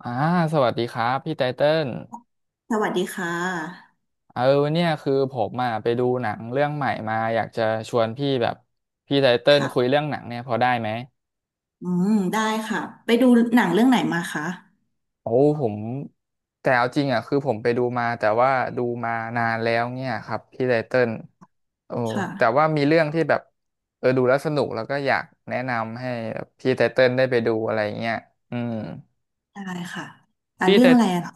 อ่าสวัสดีครับพี่ไตเติ้ลสวัสดีค่ะเออเนี่ยคือผมอ่ะไปดูหนังเรื่องใหม่มาอยากจะชวนพี่แบบพี่ไตเติ้ลคุยค่ะเรื่องหนังเนี่ยพอได้ไหมอืมได้ค่ะ ไปดูหนังเรื่องไหนมาคะโอ้ผมแต่เอาจริงอ่ะคือผมไปดูมาแต่ว่าดูมานานแล้วเนี่ยครับพี่ไตเติ้ลโอ้คแต่ว่า่ะ มีเรื่องที่แบบดูแล้วสนุกแล้วก็อยากแนะนำให้แบบพี่ไตเติ้ลได้ไปดูอะไรเงี้ยอืมได้ค่ะอ่าพี่เรื่ไตองอะไรอะเหรอ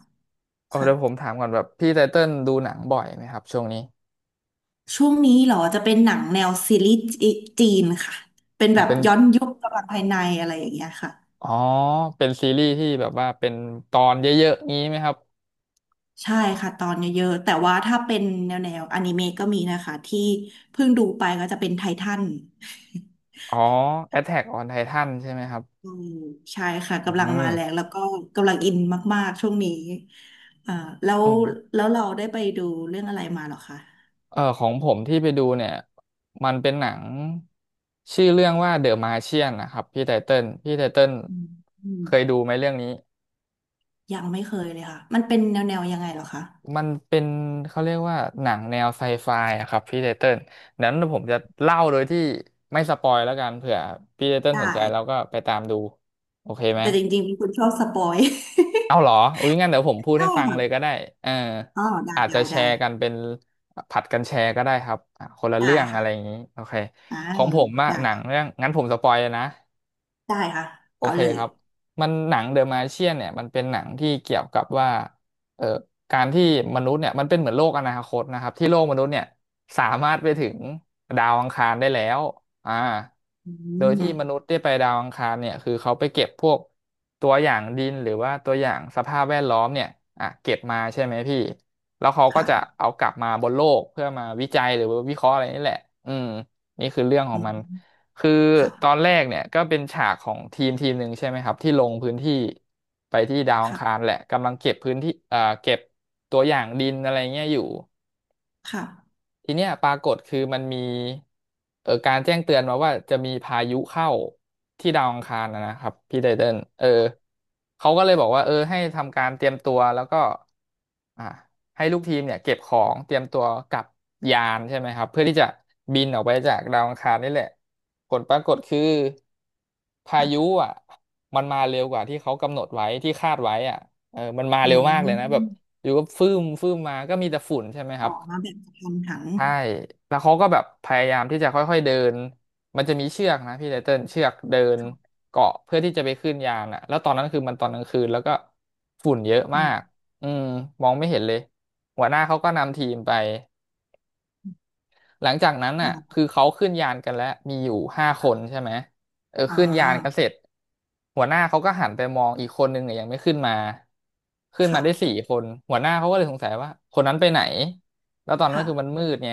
ค่ะเดี๋ยวผมถามก่อนแบบพี่ไตเติ้ลดูหนังบ่อยไหมครับช่วงนี้ช่วงนี้เหรอจะเป็นหนังแนวซีรีส์จีนค่ะ เป็นอ่ะแบบเป็น ย้อนยุคประวัติภายในอะไรอย่างเงี้ยค่ะ อ๋อ เป็นซีรีส์ที่แบบว่าเป็นตอนเยอะๆงี้ไหมครับ ใช่ค่ะตอนเยอะๆ แต่ว่าถ้าเป็นแนวอนิเมะก็มีนะคะที่เพิ่งดูไปก็จะเป็นไททัน อ๋อ Attack on Titan ใช่ไหมครับ อืมใช่ค่ะอืกำลังม มาแรงแล้วก็กำลังอินมากๆช่วงนี้อ่าแล้วอืมแล้วเราได้ไปดูเรื่องอะไรมาเหรอคะของผมที่ไปดูเนี่ย มันเป็นหนังชื่อเรื่องว่า The Martian นะครับพี่ไตเติ้ลอืมอืมเคยดูไหมเรื่องนี้ ยังไม่เคยเลยค่ะมันเป็นแนวยังไงเหรอคะมันเป็นเขาเรียกว่าหนังแนวไซไฟอะครับพี่ไตเติ้ลนั้นผมจะเล่าโดยที่ไม่สปอยแล้วกันเผื่อพี่ไตเติ้ลได้สนใจแล้วก็ไปตามดูโอเคไหม แต่จริงๆเป็นคนชอบสปอย เอาเหรออุ้ยงั้นเดี๋ยวผม พูดใช่ให้ฟังเลยค่ะก็ได้เอออ๋อได้อาจจะได้แชได้ร์กันเป็นผัดกันแชร์ก็ได้ครับอ่ะคนละได้เรื่องอะค่ะไรอย่างนี้โอเคอ่าของผมอะได้หนังค่ะเรื่องงั้นผมสปอยเลยนะ ได้ค่ะโอเอาเคเลยครับมันหนังเดอะมาเชียนเนี่ยมันเป็นหนังที่เกี่ยวกับว่าเอ่อการที่มนุษย์เนี่ยมันเป็นเหมือนโลกอนาคตนะครับที่โลกมนุษย์เนี่ยสามารถไปถึงดาวอังคารได้แล้วอ่าอืโดยที่มมนุษย์ได้ไปดาวอังคารเนี่ยคือเขาไปเก็บพวกตัวอย่างดินหรือว่าตัวอย่างสภาพแวดล้อมเนี่ยอ่ะเก็บมาใช่ไหมพี่แล้วเขาก็จะค่ะเอากลับมาบนโลกเพื่อมาวิจัยหรือว่าวิเคราะห์อะไรนี่แหละอืมนี่คือเรื่องขออืงมัน มคือตอนค่ะแรกเนี่ยก็เป็นฉากของทีมทีมหนึ่งใช่ไหมครับที่ลงพื้นที่ไปที่ดาวอังคารค่ะแหละกำลังเก็บพื้นที่เก็บตัวอย่างดินอะไรเงี้ยอยู่ ค่ะทีเนี้ยปรากฏคือมันมีการแจ้งเตือนมาว่าจะมีพายุเข้าที่ดาวอังคารนะนะครับพี่ไตเติ้ลเขาก็เลยบอกว่าให้ทำการเตรียมตัวแล้วก็อ่าให้ลูกทีมเนี่ยเก็บของเตรียมตัวกลับยานใช่ไหมครับเพื่อที่จะบินออกไปจากดาวอังคารนี่แหละผลปรากฏคือพายุค่ะอ่ะมันมาเร็วกว่าที่เขากำหนดไว้ที่คาดไว้อ่ะมันมาอืเร็วมากเลยนะแบบมอยู่ก็ฟื้มฟื้มมาก็มีแต่ฝุ่นใช่ไหมคอรับ อกมาแบบกระทันหันใช่แล้วเขาก็แบบพยายามที่จะค่อยๆเดิน มันจะมีเชือกนะพี่ไตเติ้ลเชือกเดินค่ะเกาะเพื่อที่จะไปขึ้นยานอ่ะแล้วตอนนั้นคือมันตอนกลางคืนแล้วก็ฝุ่นเยอะอืมาม กอืมมองไม่เห็นเลย หัวหน้าเขาก็นำทีมไป หลังจากนั้นอ่น่ะาคือเขาขึ้นยานกันแล้วมีอยู่ห้าคนค่ะใช่ไหมอ่ขึ้นยานกันเสาร็จหัวหน้าเขาก็หันไปมองอีกคนนึงเนี่ยยังไม่ขึ้นมาขึ้นมาได้สี่ค่ะคนหัวหน้าเขาก็เลยสงสัยว่าคนนั้นไปไหนแล้วตอนนั้นค่ะคือมันมืดไง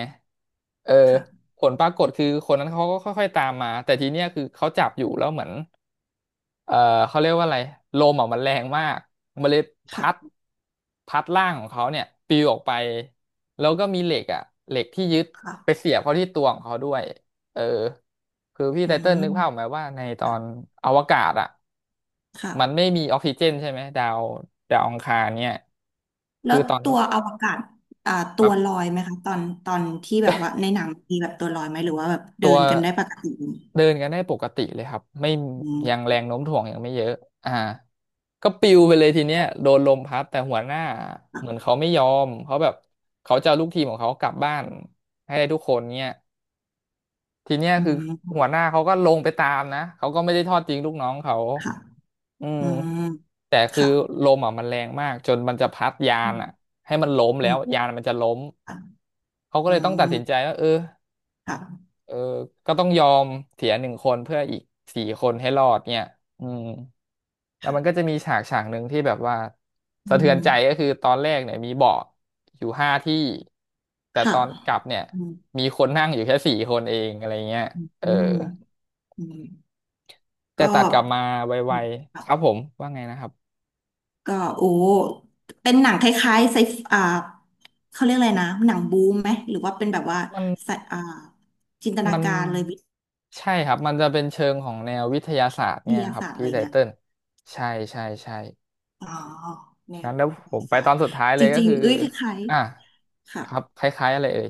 เออค่ะผลปรากฏคือคนนั้นเขาก็ค่อยๆตามมาแต่ทีเนี้ยคือเขาจับอยู่แล้วเหมือน เอ่อเขาเรียกว่าอะไรลมอ่ะมันแรงมากมันเลยพัดค่ะพัดร่างของเขาเนี่ยปลิวออกไปแล้วก็มีเหล็กอ่ะเหล็กที่ยึดไปค่ะเสียบเข้าที่ตัวของเขาด้วยเออคือพี่อืไตเติ้ลนึกมภาพออกไหมว่าในตอนค่ะอวกาศอ่ะมันไม่ค่ะมีออกซิเจนใช่ไหมดาวอังคารเนี่ยแล้คืวอตอนตันั้นวอวกาศอ่าคตัรัวบ ลอยไหมคะตอนตอนที่แบบว่าในหนังมีแบบตัวลอยไหมหรือว่าแบบเดิตัวนกันได้ปกติเดินกันได้ปกติเลยครับไม่อืมยังแรงโน้มถ่วงยังไม่เยอะอ่าก็ปิวไปเลยทีเนี้ยโดนลมพัดแต่หัวหน้าเหมือนค่ะเขาไม่ยอมเขาแบบเขาจะเอาลูกทีมของเขากลับบ้านให้ได้ทุกคนเนี่ยทีเนี้ยอืคือมหัวหน้าเขาก็ลงไปตามนะเขาก็ไม่ได้ทอดทิ้งลูกน้องเขาค่ะอืมอืมแต่คือค่ะลมอ่ะมันแรงมากจนมันจะพัดยาอืนอ่ะมให้มันล้มอืแล้วมยานมันจะล้มค่ะเขาก็อืเลยต้องตัดสินใจมว่าเออ ค่ะเออก็ต้องยอมเสีย1 คนเพื่ออีกสี่คนให้รอดเนี่ยอืมแล้วมันก็ค่ะจะมีฉากฉากหนึ่งที่แบบว่าอืสะเทือนใจมก็คือตอนแรกเนี่ยมีเบาะอยู่5 ที่แต่ตค่ะอนกลับเนี่ยอืมมีคนนั่งอยู่แค่สี่คนเองอะไรเงี้ยอืมเอออืมแต่ก็ ตัดกลับมาไวๆครับผมว่าไงนะครับก็โอ้เป็นหนังคล้ายๆไซฟอ่าเขาเรียกอะไรนะ หนังบูมไหม หรือว่าเป็นแบบว่ามันไซอ่าจินตนามันการเลยวิใช่ครับมันจะเป็นเชิงของแนววิทยาศาสตร์ทเนี่ยยาครับศาสตร์อะพี่ไรไตเงี้ยเติ้ลใช่ใช่ใช่ อ๋อ แนวงั้นแล้ววิทผมยาไปศาตสตอนร์สุดท้ายเลจยก็ริงคือๆเอ้ยคล้ายอ่ะๆค่ะ ครับคล้ายๆอะไรเอ่ย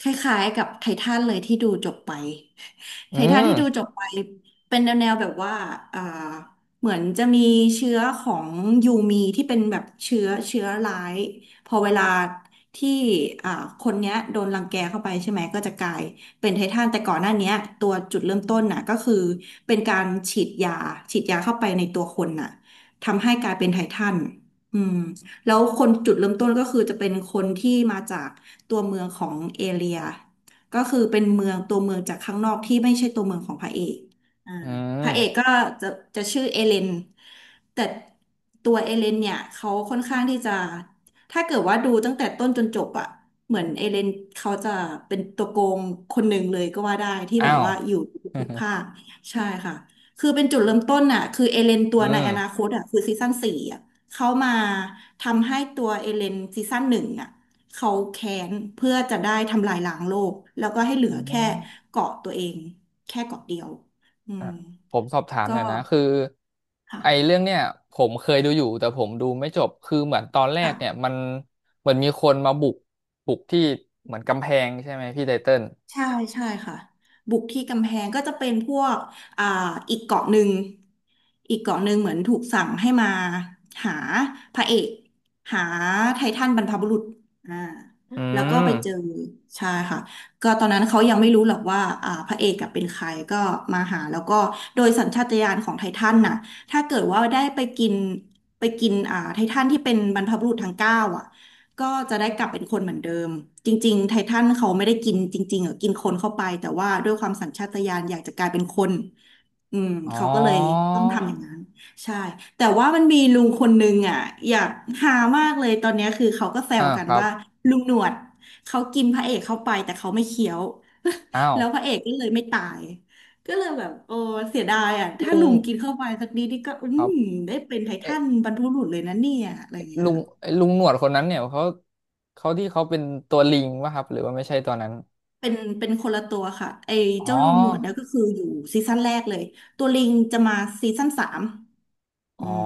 คล้ายๆกับไททันเลยที่ดูจบไป อืไททันมที่ดูจบไปเป็นแนวแบบว่าอ่าเหมือนจะมีเชื้อของยูมีที่เป็นแบบเชื้อร้ายพอเวลาที่อ่าคนเนี้ยโดนรังแกเข้าไปใช่ไหมก็จะกลายเป็นไททันแต่ก่อนหน้าเนี้ยตัวจุดเริ่มต้นน่ะก็คือเป็นการฉีดยาเข้าไปในตัวคนน่ะทำให้กลายเป็นไททันอืม แล้วคนจุดเริ่มต้นก็คือจะเป็นคนที่มาจากตัวเมืองของเอเรียก็คือเป็นเมืองตัวเมืองจากข้างนอกที่ไม่ใช่ตัวเมืองของพระเอกอ่าอืพระมเอกก็จะจะชื่อเอเลนแต่ตัวเอเลนเนี่ยเขาค่อนข้างที่จะถ้าเกิดว่าดูตั้งแต่ต้นจนจบอะเหมือนเอเลนเขาจะเป็นตัวโกงคนหนึ่งเลยก็ว่าได้ที่อ้าแบบว ว่าอยู่ทุ กภาคใช่ค่ะคือเป็นจุดเริ่มต้นน่ะคือเอเลนตัวอืในมอนาคตอ่ะคือซีซั่นสี่อ่ะ เขามาทำให้ตัวเอเลนซีซั่นหนึ่งอ่ะเขาแค้นเพื่อจะได้ทำลายล้างโลกแล้วก็ให้เหลือ๋ออแค่เกาะตัวเองแค่เกาะเดียวอือ่ะมผมสอบถามก็หน่อยนะคือไอ้ค่ะเรื่องเนี่ยผมเคยดูอยู่แต่ผมดูไม่จบคือเหมือนตอนแรกเนี่ยค่ะ มันเหมือนมีคนมาบุกที่เหมือนกำแพงใช่ไหมพี่ไตเติ้ลใช่ใช่ค่ะบุกที่กำแพงก็จะเป็นพวกอ่าอีกเกาะหนึ่งอีกเกาะหนึ่งเหมือนถูกสั่งให้มาหาพระเอกหาไททันบรรพบุรุษอ่าอืแล้วก็มไปเจอใช่ค่ะก็ตอนนั้นเขายังไม่รู้หรอกว่าอ่าพระเอกกับเป็นใครก็มาหาแล้วก็โดยสัญชาตญาณของไททันน่ะถ้าเกิดว่าได้ไปกินอ่าไททันที่เป็นบรรพบุรุษทั้งเก้าอ่ะ ก็จะได้กลับเป็นคนเหมือนเดิมจริงๆไททันเขาไม่ได้กินจริงๆหรอกินคนเข้าไปแต่ว่าด้วยความสัญชาตญาณอยากจะกลายเป็นคนอืมอ๋อเขาก็เลยต้องทำอย่างนั้นใช่แต่ว่ามันมีลุงคนนึงอ่ะอยากหามากเลยตอนเนี้ยคือเขาก็แซวอ่ากันครับว่าลุงหนวดเขากินพระเอกเข้าไปแต่เขาไม่เคี้ยว อ้า วแล้วพระเอกก็เลยไม่ตายก็เลยแบบโอ้เสียดายอ่ะถ้าลุงลุงกินเข้าไปสักนิดนี่ก็อืครัมบ ได้เป็นไททันบรรพบุรุษเลยนะเนี่ยอะไรอย่างเงี้ยลุงค่ะ ลุงหนวดคนนั้นเนี่ยเขาที่เขาเป็นตัวลิงป่ะครับหรือว่าไม่ใช่ตัวนั้นเป็นเป็นคนละตัวค่ะไอ้อ๋อเจ้าลูกหนวดเนี่ยก็คืออยู่ซีซั่นแรกเลยตัวลิงจะมาซีซั่นสามอ๋อือม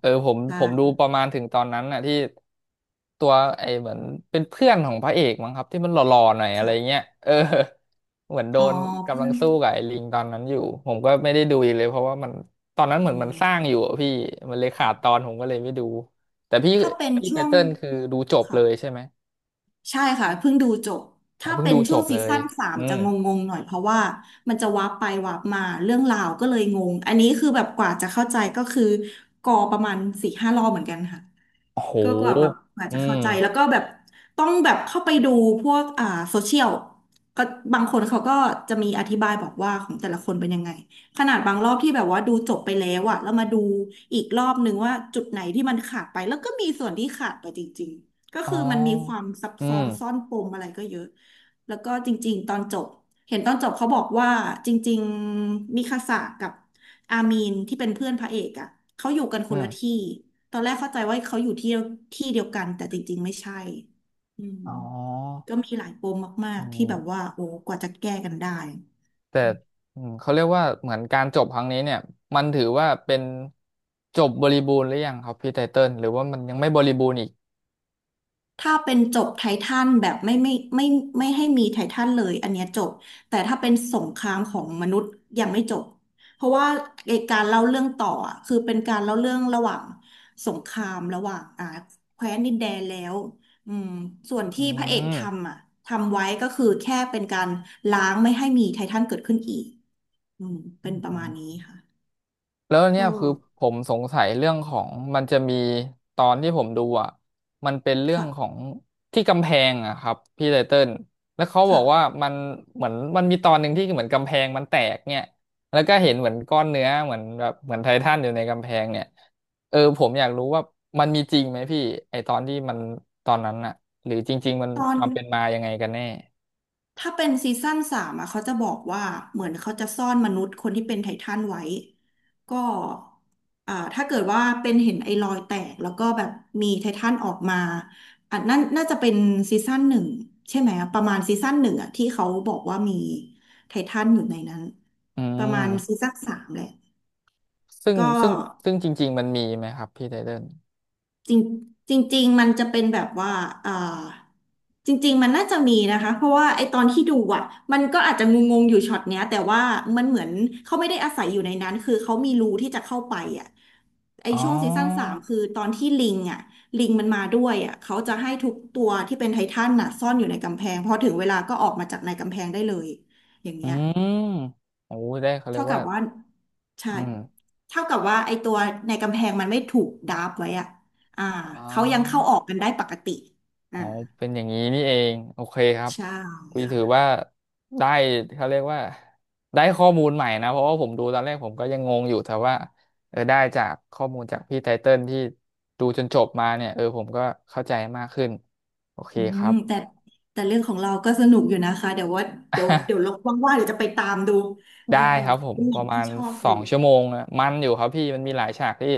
เออผมใช่ผมดูประมาณถึงตอนนั้นน่ะที่ตัวไอ้เหมือนเป็นเพื่อนของพระเอกมั้งครับที่มันหล่อๆหน่อยอะไรเงี้ยค่ะเออเหมือนโดอ๋อนเพื่กำลัองนสู้กับไอ้ลิงตอนนั้นอยู่ผมก็ไม่ได้ดูอีกเลยเพราะว่ามันตอนนั้นเหอืมือนมันสร้างมอยู่อะพี่มันเลยขาดตอค่ะนผมก็เลยไม่ดูแต่ถ้าเป็นพี่ไตช่วงเติ้ลคือดูจบเลค่ะยใช่ไหมใช่ค่ะเพิ่งดูจบอ๋อถ้าเพิ่งเป็ดูนจช่วงบเลซียซั่นสามอืจะม งงๆหน่อยเพราะว่ามันจะวาร์ปไปวาร์ปมาเรื่องราวก็เลยงงอันนี้คือแบบกว่าจะเข้าใจก็คือกอประมาณสี่ห้ารอบเหมือนกันค่ะ โอ้โห ก็กว่าแบบอาจอืจะมเข้าใจแล้วก็แบบต้องแบบเข้าไปดูพวกอ่าโซเชียลก็บางคนเขาก็จะมีอธิบายบอกว่าของแต่ละคนเป็นยังไงขนาดบางรอบที่แบบว่าดูจบไปแล้วอะแล้วมาดูอีกรอบนึงว่าจุดไหนที่มันขาดไปแล้วก็มีส่วนที่ขาดไปจริงๆก็อ๋อคือมันมีความซับอืซ้อม นซ่อนปมอะไรก็เยอะแล้วก็จริงๆตอนจบเห็นตอนจบเขาบอกว่าจริงๆมิคาสะกับอามีนที่เป็นเพื่อนพระเอกอะเขาอยู่กันคอืนละมที่ ตอนแรกเข้าใจว่าเขาอยู่ที่ที่เดียวกันแต่จริงๆไม่ใช่อืมอ๋อก็มีหลายปมมาอืกๆที่แบบมว่าโอ้กว่าจะแก้กันได้ แต่อืมเขาเรียกว่าเหมือนการจบครั้งนี้เนี่ยมันถือว่าเป็นจบบริบูรณ์หรือยังครับพี่ไตเติ้ลหรือว่ามันยังไม่บริบูรณ์อีกถ้าเป็นจบไททันแบบไม่ไม่ให้มีไททันเลยอันเนี้ยจบแต่ถ้าเป็นสงครามของมนุษย์ยังไม่จบเพราะว่าไอ้การเล่าเรื่องต่ออะคือเป็นการเล่าเรื่องระหว่างสงครามระหว่างแคว้นดินแดนแล้วอืมส่วนอืที่พระเอกม ทำอ่ะทำไว้ก็คือแค่เป็นการล้างไม่ให้มีไททันเกิดขึ้นอีกอืมเป็นประมาณนี้ค่ะแล้วเนี่ก็ยคือผมสงสัยเรื่องของมันจะมีตอนที่ผมดูอ่ะมันเป็นเรื่องขอค่ะงที่กำแพงอะครับพี่ไตเติ้ลแล้วเขาคบอกว่า่ะมันเหมือนมันมีตอนหนึ่งที่เหมือนกำแพงมันแตกเนี่ยแล้วก็เห็นเหมือนก้อนเนื้อเหมือนแบบเหมือนไททันอยู่ในกำแพงเนี่ยเออผมอยากรู้ว่ามันมีจริงไหมพี่ไอตอนที่มันตอนนั้นอะหรือจริงๆมันตอคน วามเป็นมายังไงกันแน่ถ้าเป็นซีซั่นสามอะเขาจะบอกว่าเหมือนเขาจะซ่อนมนุษย์คนที่เป็นไททันไว้ก็ถ้าเกิดว่าเป็นเห็นไอ้รอยแตกแล้วก็แบบมีไททันออกมาอันนั้นน่าจะเป็นซีซั่นหนึ่งใช่ไหมอะประมาณซีซั่นหนึ่งอะที่เขาบอกว่ามีไททันอยู่ในนั้นอืประมาณมซีซั่นสามแหละซึ่งก็ ซึ่งซึ่งจริงๆมันมีไหมครับพี่ไตเติ้ลจริงจริงๆมันจะเป็นแบบว่าอ่าจริงๆมันน่าจะมีนะคะเพราะว่าไอตอนที่ดูอ่ะมันก็อาจจะงงๆอยู่ช็อตเนี้ยแต่ว่ามันเหมือนเขาไม่ได้อาศัยอยู่ในนั้นคือเขามีรูที่จะเข้าไปอ่ะไออ๋อ ช่วงซีซั่นสามคือตอนที่ลิงอ่ะลิงมันมาด้วยอ่ะเขาจะให้ทุกตัวที่เป็นไททันน่ะซ่อนอยู่ในกำแพงพอถึงเวลาก็ออกมาจากในกำแพงได้เลยอย่างอืเงี้ย มโอ้ได้เขาเรียเท่ากกัว่าบว่าใช่อืมเท่ากับว่าไอตัวในกำแพงมันไม่ถูกดาบไว้อะอ่าอ๋เขายังอเข้าออกกันได้ปกติอ๋อ่าอเป็นอย่างนี้นี่เอง โอเคครับใช่คุยค่ะถือว่าได้เขาเรียกว่าได้ข้อมูลใหม่นะ เพราะว่าผมดูตอนแรกผมก็ยังงงอยู่แต่ว่าเออได้จากข้อมูลจากพี่ไตเติ้ลที่ดูจนจบมาเนี่ยเออผมก็เข้าใจมากขึ้น โอเคอืคมรับ แต่เรื่องของเราก็สนุกอยู่นะคะเดี๋ยวว่าเดี๋ยว ลองว่างๆเดี๋ยวจะไปตามดูเอได้อครับผมเป็นหปนังระมาที่ณชอบสออยู่งชั่วโมงอะมันอยู่ครับพี่มันมีหลายฉากที่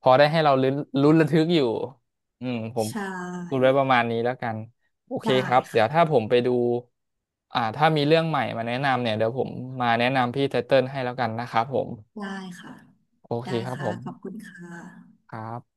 พอได้ให้เราลุ้นระทึกอยู่อืมผมใชพูด่ไว้ประมาณนี้แล้วกันโอเคได้ครับเดี๋ยวถ้าค่ะผมไปดูอ่าถ้ามีเรื่องใหม่มาแนะนำเนี่ยเดี๋ยวผมมาแนะนำพี่ไทเติ้ลให้แล้วกันนะครับผมได้ค่ะโอเคได้ครับค่ะผมขอบคุณค่ะครับ